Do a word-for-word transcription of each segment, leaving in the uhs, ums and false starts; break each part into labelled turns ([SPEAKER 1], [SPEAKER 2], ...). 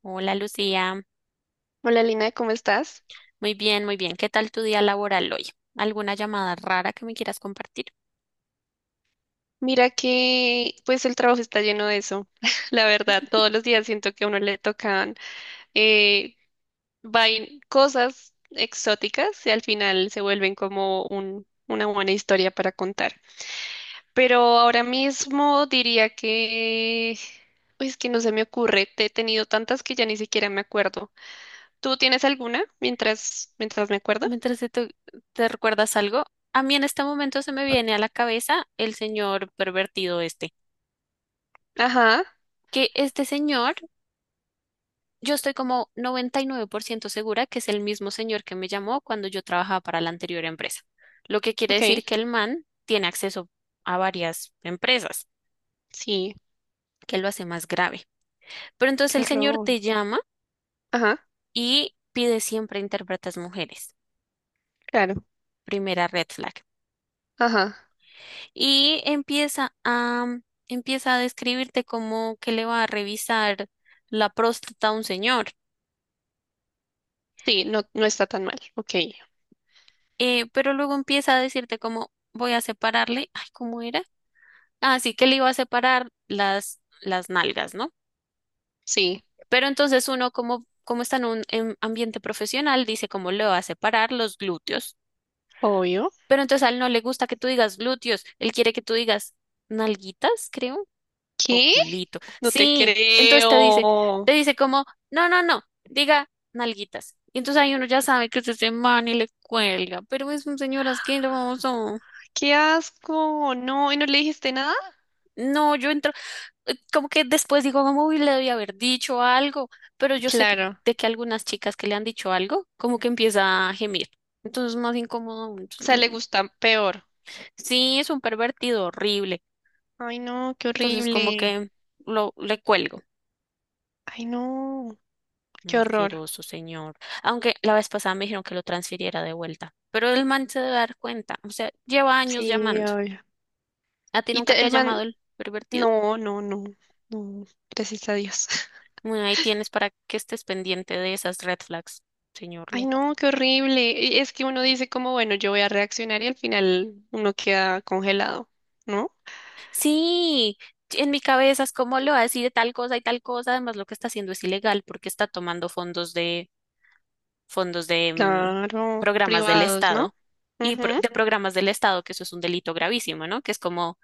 [SPEAKER 1] Hola Lucía,
[SPEAKER 2] Hola Lina, ¿cómo estás?
[SPEAKER 1] muy bien, muy bien. ¿Qué tal tu día laboral hoy? ¿Alguna llamada rara que me quieras compartir?
[SPEAKER 2] Mira que pues el trabajo está lleno de eso. La verdad, todos los días siento que a uno le tocan eh, vain- cosas exóticas y al final se vuelven como un, una buena historia para contar. Pero ahora mismo diría que pues que no se me ocurre. Te he tenido tantas que ya ni siquiera me acuerdo. ¿Tú tienes alguna mientras mientras me acuerdo?
[SPEAKER 1] Mientras te, to- te recuerdas algo, a mí en este momento se me viene a la cabeza el señor pervertido este.
[SPEAKER 2] Ajá,
[SPEAKER 1] Que este señor, yo estoy como noventa y nueve por ciento segura que es el mismo señor que me llamó cuando yo trabajaba para la anterior empresa. Lo que quiere
[SPEAKER 2] ok.
[SPEAKER 1] decir que el man tiene acceso a varias empresas,
[SPEAKER 2] Sí,
[SPEAKER 1] que lo hace más grave. Pero entonces
[SPEAKER 2] qué
[SPEAKER 1] el señor te
[SPEAKER 2] horror.
[SPEAKER 1] llama
[SPEAKER 2] Ajá,
[SPEAKER 1] y pide siempre intérpretes mujeres.
[SPEAKER 2] claro.
[SPEAKER 1] Primera red flag.
[SPEAKER 2] Ajá.
[SPEAKER 1] Y empieza a, empieza a describirte como que le va a revisar la próstata a un señor.
[SPEAKER 2] Sí, no, no está tan mal. Ok,
[SPEAKER 1] Eh, pero luego empieza a decirte como voy a separarle, ay, ¿cómo era? Así que le iba a separar las, las nalgas, ¿no?
[SPEAKER 2] sí,
[SPEAKER 1] Pero entonces uno como, como está en un en ambiente profesional, dice como le va a separar los glúteos.
[SPEAKER 2] obvio.
[SPEAKER 1] Pero entonces a él no le gusta que tú digas glúteos, él quiere que tú digas nalguitas, creo.
[SPEAKER 2] ¿Qué?
[SPEAKER 1] Oculito.
[SPEAKER 2] No te
[SPEAKER 1] Sí, entonces te dice,
[SPEAKER 2] creo.
[SPEAKER 1] te dice como, no, no, no, diga nalguitas. Y entonces ahí uno ya sabe que es ese man y le cuelga, pero es un señor asqueroso.
[SPEAKER 2] Qué asco. No, ¿y no le dijiste nada?
[SPEAKER 1] No, yo entro, eh, como que después digo, como, uy, le debí haber dicho algo, pero yo sé que-
[SPEAKER 2] Claro.
[SPEAKER 1] de que algunas chicas que le han dicho algo, como que empieza a gemir. Entonces es más incómodo aún.
[SPEAKER 2] O
[SPEAKER 1] Entonces, no,
[SPEAKER 2] sea, le
[SPEAKER 1] no.
[SPEAKER 2] gusta peor.
[SPEAKER 1] Sí, es un pervertido horrible.
[SPEAKER 2] Ay, no, qué
[SPEAKER 1] Entonces como
[SPEAKER 2] horrible.
[SPEAKER 1] que lo, le cuelgo.
[SPEAKER 2] Ay, no, qué horror.
[SPEAKER 1] Asqueroso, señor. Aunque la vez pasada me dijeron que lo transfiriera de vuelta. Pero el man se debe dar cuenta. O sea, lleva años
[SPEAKER 2] Sí,
[SPEAKER 1] llamando.
[SPEAKER 2] obvio.
[SPEAKER 1] ¿A ti
[SPEAKER 2] Y
[SPEAKER 1] nunca
[SPEAKER 2] te-
[SPEAKER 1] te ha
[SPEAKER 2] el
[SPEAKER 1] llamado
[SPEAKER 2] man,
[SPEAKER 1] el pervertido?
[SPEAKER 2] no, no, no, no. Gracias a Dios.
[SPEAKER 1] Bueno, ahí tienes para que estés pendiente de esas red flags, señor
[SPEAKER 2] Ay,
[SPEAKER 1] loco.
[SPEAKER 2] no, qué horrible. Y es que uno dice como, bueno, yo voy a reaccionar y al final uno queda congelado, ¿no?
[SPEAKER 1] Sí, en mi cabeza es como le va a decir tal cosa y tal cosa. Además, lo que está haciendo es ilegal porque está tomando fondos de fondos de mm,
[SPEAKER 2] Claro,
[SPEAKER 1] programas del
[SPEAKER 2] privados, ¿no?
[SPEAKER 1] Estado y pro-
[SPEAKER 2] Ujú,
[SPEAKER 1] de programas del Estado, que eso es un delito gravísimo, ¿no? Que es como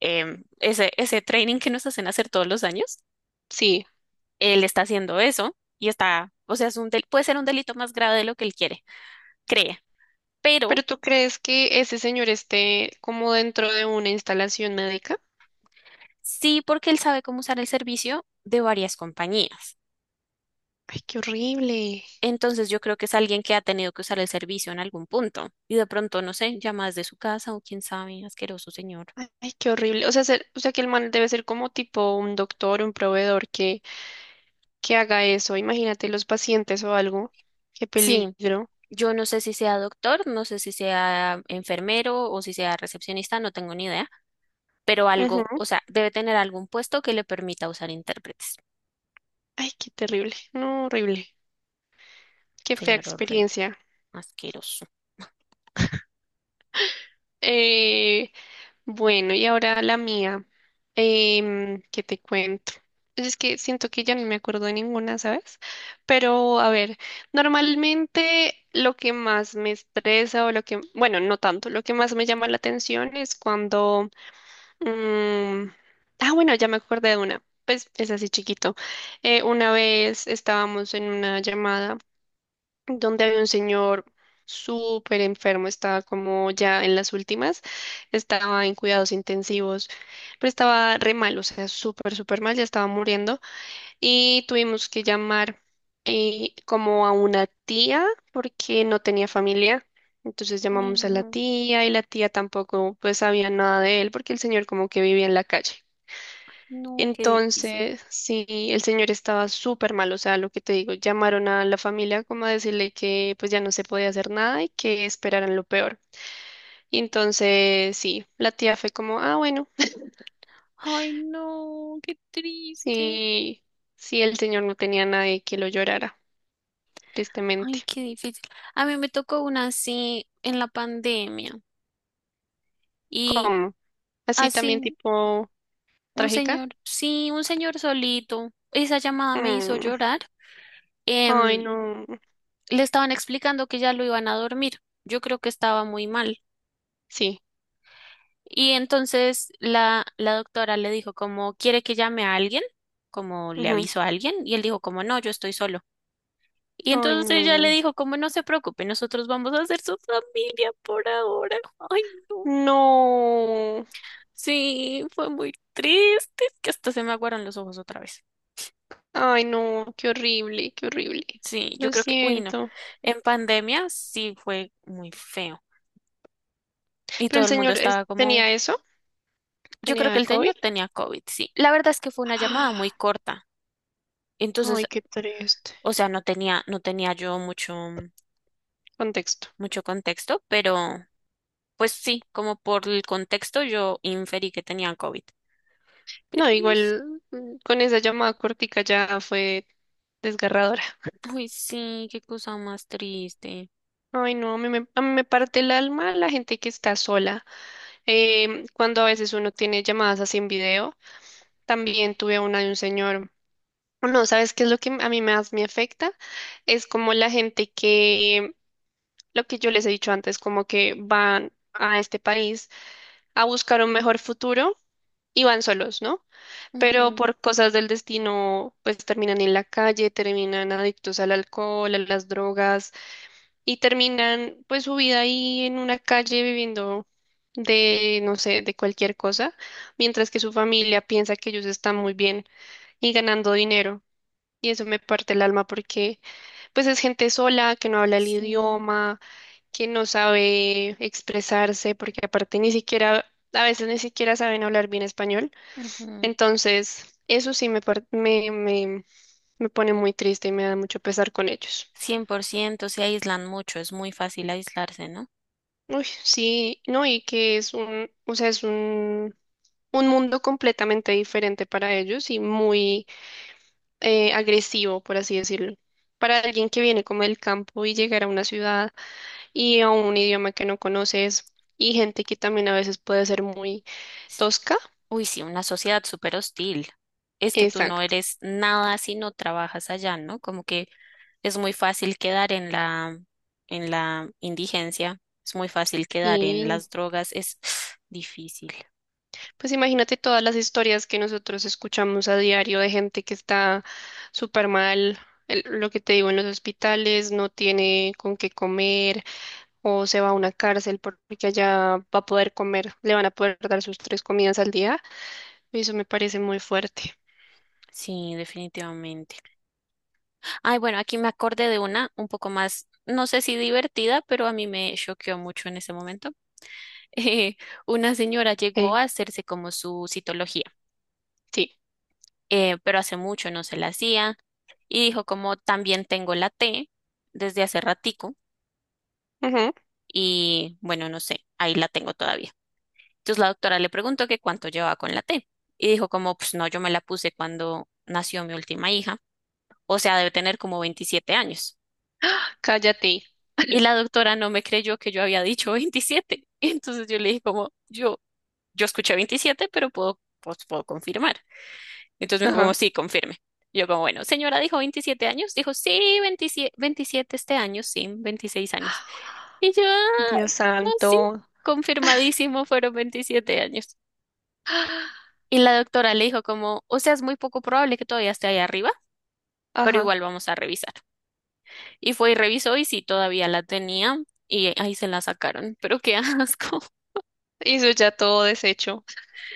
[SPEAKER 1] em, ese, ese training que nos hacen hacer todos los años,
[SPEAKER 2] sí,
[SPEAKER 1] él está haciendo eso y está, o sea, es un del- puede ser un delito más grave de lo que él quiere, cree, pero
[SPEAKER 2] pero ¿tú crees que ese señor esté como dentro de una instalación médica?
[SPEAKER 1] sí porque él sabe cómo usar el servicio de varias compañías.
[SPEAKER 2] Ay, qué horrible.
[SPEAKER 1] Entonces yo creo que es alguien que ha tenido que usar el servicio en algún punto y de pronto, no sé, llama desde su casa o quién sabe, asqueroso señor.
[SPEAKER 2] Ay, ay, qué horrible. O sea, ser- o sea, que el man debe ser como tipo un doctor, un proveedor que, que haga eso. Imagínate los pacientes o algo. Qué
[SPEAKER 1] Sí,
[SPEAKER 2] peligro.
[SPEAKER 1] yo no sé si sea doctor, no sé si sea enfermero o si sea recepcionista, no tengo ni idea, pero algo, o
[SPEAKER 2] Ujú.
[SPEAKER 1] sea, debe tener algún puesto que le permita usar intérpretes.
[SPEAKER 2] Ay, qué terrible. No, horrible. Qué fea
[SPEAKER 1] Señor horrible,
[SPEAKER 2] experiencia.
[SPEAKER 1] asqueroso.
[SPEAKER 2] Eh, Bueno, y ahora la mía. Em, ¿qué te cuento? Pues es que siento que ya no me acuerdo de ninguna, ¿sabes? Pero a ver, normalmente lo que más me estresa o lo que, bueno, no tanto, lo que más me llama la atención es cuando mm, ah, bueno, ya me acordé de una. Pues es así chiquito. Eh, una vez estábamos en una llamada donde había un señor súper enfermo, estaba como ya en las últimas, estaba en cuidados intensivos, pero estaba re mal, o sea, súper, súper mal, ya estaba muriendo y tuvimos que llamar eh, como a una tía porque no tenía familia. Entonces
[SPEAKER 1] Ay,
[SPEAKER 2] llamamos a la
[SPEAKER 1] no,
[SPEAKER 2] tía y la tía tampoco pues sabía nada de él porque el señor como que vivía en la calle.
[SPEAKER 1] no, qué difícil.
[SPEAKER 2] Entonces, sí, el señor estaba súper mal, o sea, lo que te digo, llamaron a la familia como a decirle que pues ya no se podía hacer nada y que esperaran lo peor. Y entonces, sí, la tía fue como, ah, bueno,
[SPEAKER 1] Ay, no, qué triste.
[SPEAKER 2] sí, sí, el señor no tenía nadie que lo llorara, tristemente.
[SPEAKER 1] Ay, qué difícil. A mí me tocó una así en la pandemia. Y
[SPEAKER 2] ¿Cómo? Así también
[SPEAKER 1] así,
[SPEAKER 2] tipo
[SPEAKER 1] un
[SPEAKER 2] trágica.
[SPEAKER 1] señor, sí, un señor solito. Esa llamada me hizo
[SPEAKER 2] Mm.
[SPEAKER 1] llorar.
[SPEAKER 2] Ay,
[SPEAKER 1] Em,
[SPEAKER 2] no.
[SPEAKER 1] Le estaban explicando que ya lo iban a dormir. Yo creo que estaba muy mal.
[SPEAKER 2] Sí.
[SPEAKER 1] Y entonces la, la doctora le dijo como, ¿quiere que llame a alguien? Como le
[SPEAKER 2] Ujú.
[SPEAKER 1] aviso a alguien. Y él dijo como, no, yo estoy solo. Y
[SPEAKER 2] Ay,
[SPEAKER 1] entonces ella le
[SPEAKER 2] no.
[SPEAKER 1] dijo como, no se preocupe, nosotros vamos a ser su familia por ahora. Ay, no.
[SPEAKER 2] No.
[SPEAKER 1] Sí, fue muy triste. Es que hasta se me aguaron los ojos otra vez.
[SPEAKER 2] Ay, no, qué horrible, qué horrible.
[SPEAKER 1] Sí, yo
[SPEAKER 2] Lo
[SPEAKER 1] creo que, uy, no.
[SPEAKER 2] siento.
[SPEAKER 1] En pandemia sí fue muy feo. Y
[SPEAKER 2] Pero
[SPEAKER 1] todo
[SPEAKER 2] el
[SPEAKER 1] el mundo
[SPEAKER 2] señor es-
[SPEAKER 1] estaba como,
[SPEAKER 2] tenía eso,
[SPEAKER 1] yo creo que
[SPEAKER 2] tenía
[SPEAKER 1] el
[SPEAKER 2] COVID.
[SPEAKER 1] señor tenía COVID, sí. La verdad es que fue una llamada muy
[SPEAKER 2] ¡Ah!
[SPEAKER 1] corta.
[SPEAKER 2] Ay,
[SPEAKER 1] Entonces,
[SPEAKER 2] qué triste.
[SPEAKER 1] o sea, no tenía, no tenía yo mucho,
[SPEAKER 2] Contexto.
[SPEAKER 1] mucho contexto, pero pues sí, como por el contexto yo inferí que tenían COVID.
[SPEAKER 2] No,
[SPEAKER 1] Pero los.
[SPEAKER 2] igual mm, con esa llamada cortica ya fue desgarradora.
[SPEAKER 1] Uy, sí, qué cosa más triste.
[SPEAKER 2] Ay, no, a mí me, a mí me parte el alma la gente que está sola. Em, cuando a veces uno tiene llamadas así en video, también tuve una de un señor. No, ¿sabes qué es lo que a mí más me afecta? Es como la gente que, lo que yo les he dicho antes, como que van a este país a buscar un mejor futuro y van solos, ¿no? Pero
[SPEAKER 1] Ujú,
[SPEAKER 2] por cosas del destino, pues terminan en la calle, terminan adictos al alcohol, a las drogas y terminan pues su vida ahí en una calle viviendo de, no sé, de cualquier cosa, mientras que su familia piensa que ellos están muy bien y ganando dinero. Y eso me parte el alma porque pues es gente sola, que no
[SPEAKER 1] ay,
[SPEAKER 2] habla el
[SPEAKER 1] sí.
[SPEAKER 2] idioma, que no sabe expresarse, porque aparte ni siquiera, a veces ni siquiera saben hablar bien español.
[SPEAKER 1] Ujú.
[SPEAKER 2] Entonces, eso sí me, par- me, me, me pone muy triste y me da mucho pesar con ellos.
[SPEAKER 1] Cien por ciento se aíslan mucho, es muy fácil aislarse, ¿no?
[SPEAKER 2] Uy, sí, no, y que es un, o sea, es un, un mundo completamente diferente para ellos y muy eh, agresivo, por así decirlo. Para alguien que viene como del campo y llegar a una ciudad y a un idioma que no conoces y gente que también a veces puede ser muy
[SPEAKER 1] S-
[SPEAKER 2] tosca.
[SPEAKER 1] Uy, sí, una sociedad súper hostil. Es que tú no
[SPEAKER 2] Exacto.
[SPEAKER 1] eres nada si no trabajas allá, ¿no? Como que es muy fácil quedar en la, en la indigencia, es muy fácil quedar en las drogas, es difícil.
[SPEAKER 2] Pues imagínate todas las historias que nosotros escuchamos a diario de gente que está súper mal, el- lo que te digo en los hospitales, no tiene con qué comer o se va a una cárcel por- porque allá va a poder comer, le van a poder dar sus tres comidas al día. Y eso me parece muy fuerte.
[SPEAKER 1] Sí, definitivamente. Ay, bueno, aquí me acordé de una un poco más, no sé si divertida, pero a mí me choqueó mucho en ese momento. eh, una señora llegó
[SPEAKER 2] Eh,
[SPEAKER 1] a hacerse como su citología,
[SPEAKER 2] sí.
[SPEAKER 1] eh, pero hace mucho no se la hacía y dijo como también tengo la T desde hace ratico
[SPEAKER 2] Ujú.
[SPEAKER 1] y bueno, no sé, ahí la tengo todavía. Entonces la doctora le preguntó que cuánto llevaba con la T y dijo como pues no, yo me la puse cuando nació mi última hija, o sea, debe tener como veintisiete años.
[SPEAKER 2] Cállate.
[SPEAKER 1] Y la doctora no me creyó que yo había dicho veintisiete. Entonces yo le dije como yo, yo escuché veintisiete, pero puedo, pues, puedo confirmar. Entonces me dijo como,
[SPEAKER 2] Ajá.
[SPEAKER 1] sí, confirme. Yo como, bueno, señora dijo veintisiete años, dijo, sí, veintisiete 27 este año, sí, veintiséis años. Y yo, "Ah,
[SPEAKER 2] Dios
[SPEAKER 1] no, sí,
[SPEAKER 2] santo.
[SPEAKER 1] confirmadísimo, fueron veintisiete años". Y la doctora le dijo como, o sea, es muy poco probable que todavía esté ahí arriba, pero
[SPEAKER 2] Ajá.
[SPEAKER 1] igual vamos a revisar. Y fue y revisó y sí, todavía la tenía y ahí se la sacaron. Pero qué asco.
[SPEAKER 2] Eso ya todo deshecho.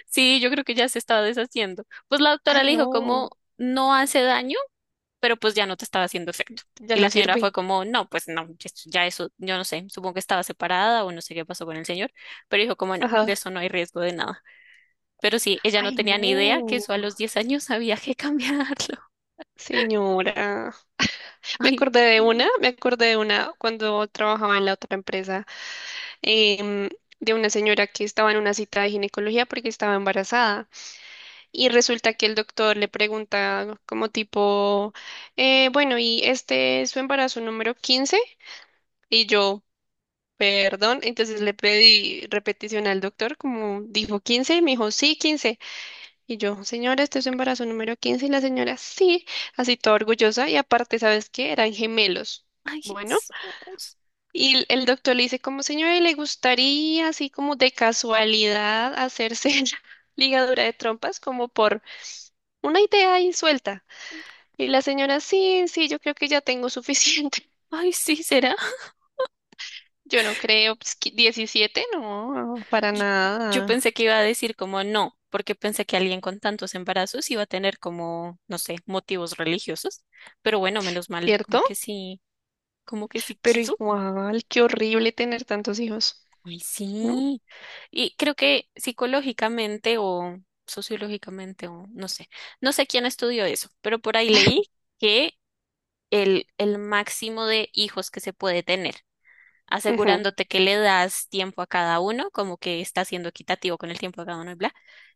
[SPEAKER 1] Sí, yo creo que ya se estaba deshaciendo. Pues la doctora
[SPEAKER 2] Ay,
[SPEAKER 1] le dijo como,
[SPEAKER 2] no,
[SPEAKER 1] no hace daño, pero pues ya no te estaba haciendo efecto.
[SPEAKER 2] ya
[SPEAKER 1] Y la
[SPEAKER 2] no
[SPEAKER 1] señora fue
[SPEAKER 2] sirve.
[SPEAKER 1] como, no, pues no, ya ya eso, yo no sé, supongo que estaba separada o no sé qué pasó con el señor, pero dijo como, no, de
[SPEAKER 2] Ajá.
[SPEAKER 1] eso no hay riesgo de nada. Pero sí, ella no
[SPEAKER 2] Ay,
[SPEAKER 1] tenía ni idea que
[SPEAKER 2] no.
[SPEAKER 1] eso a los diez años había que cambiarlo.
[SPEAKER 2] Señora, me
[SPEAKER 1] Ay,
[SPEAKER 2] acordé de una,
[SPEAKER 1] sí,
[SPEAKER 2] me acordé de una cuando trabajaba en la otra empresa, em, de una señora que estaba en una cita de ginecología porque estaba embarazada y resulta que el doctor le pregunta como tipo, eh, bueno, ¿y este es su embarazo número quince? Y yo, perdón, entonces le pedí repetición al doctor como dijo quince, y me dijo, sí, quince. Y yo, señora, este es su embarazo número quince. Y la señora, sí, así toda orgullosa. Y aparte, ¿sabes qué? Eran gemelos.
[SPEAKER 1] ay,
[SPEAKER 2] Bueno,
[SPEAKER 1] Jesús.
[SPEAKER 2] y el el doctor le dice, como señora, ¿le gustaría así como de casualidad hacerse la ligadura de trompas como por una idea ahí suelta? Y la señora, sí, sí, yo creo que ya tengo suficiente.
[SPEAKER 1] Ay, sí, será.
[SPEAKER 2] Yo no creo, pues, que diecisiete, no, para
[SPEAKER 1] Yo, yo
[SPEAKER 2] nada,
[SPEAKER 1] pensé que iba a decir como no, porque pensé que alguien con tantos embarazos iba a tener como, no sé, motivos religiosos, pero bueno, menos mal, como
[SPEAKER 2] ¿cierto?
[SPEAKER 1] que sí, como que sí
[SPEAKER 2] Pero
[SPEAKER 1] quiso.
[SPEAKER 2] igual, qué horrible tener tantos hijos,
[SPEAKER 1] Ay,
[SPEAKER 2] ¿no?
[SPEAKER 1] sí. Y creo que psicológicamente o sociológicamente o no sé, no sé quién estudió eso, pero por ahí leí que el, el máximo de hijos que se puede tener, asegurándote que le das tiempo a cada uno, como que está siendo equitativo con el tiempo a cada uno y bla,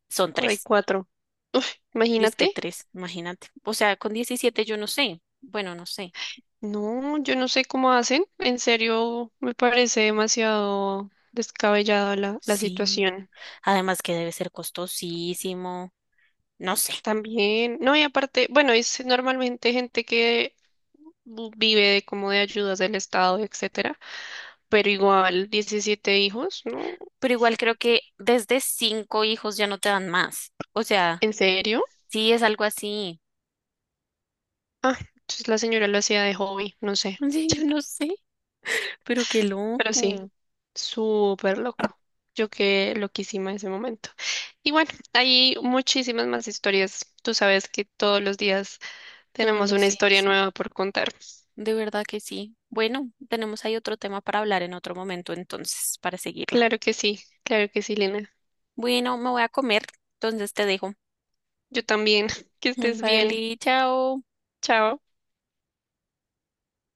[SPEAKER 1] son
[SPEAKER 2] Por ahí
[SPEAKER 1] tres.
[SPEAKER 2] cuatro. Uf,
[SPEAKER 1] Dice que
[SPEAKER 2] imagínate.
[SPEAKER 1] tres, imagínate. O sea, con diecisiete yo no sé. Bueno, no sé.
[SPEAKER 2] No, yo no sé cómo hacen. En serio, me parece demasiado descabellada la, la
[SPEAKER 1] Sí.
[SPEAKER 2] situación.
[SPEAKER 1] Además que debe ser costosísimo. No sé.
[SPEAKER 2] También, no, y aparte, bueno, es normalmente gente que bu- vive de como de ayudas del Estado, etcétera, pero igual diecisiete hijos, ¿no?
[SPEAKER 1] Pero igual creo que desde cinco hijos ya no te dan más. O sea,
[SPEAKER 2] ¿En serio?
[SPEAKER 1] sí es algo así.
[SPEAKER 2] Ah, entonces la señora lo hacía de hobby, no sé,
[SPEAKER 1] Sí, yo no sé, pero qué
[SPEAKER 2] pero sí.
[SPEAKER 1] loco.
[SPEAKER 2] Súper loco. Yo quedé loquísima en ese momento. Y bueno, hay muchísimas más historias. Tú sabes que todos los días
[SPEAKER 1] Todos
[SPEAKER 2] tenemos
[SPEAKER 1] los
[SPEAKER 2] una
[SPEAKER 1] días,
[SPEAKER 2] historia
[SPEAKER 1] sí.
[SPEAKER 2] nueva por contar.
[SPEAKER 1] De verdad que sí. Bueno, tenemos ahí otro tema para hablar en otro momento, entonces, para seguirla.
[SPEAKER 2] Claro que sí, claro que sí, Lina.
[SPEAKER 1] Bueno, me voy a comer, entonces te dejo.
[SPEAKER 2] Yo también. Que estés bien.
[SPEAKER 1] Vale, chao.
[SPEAKER 2] Chao.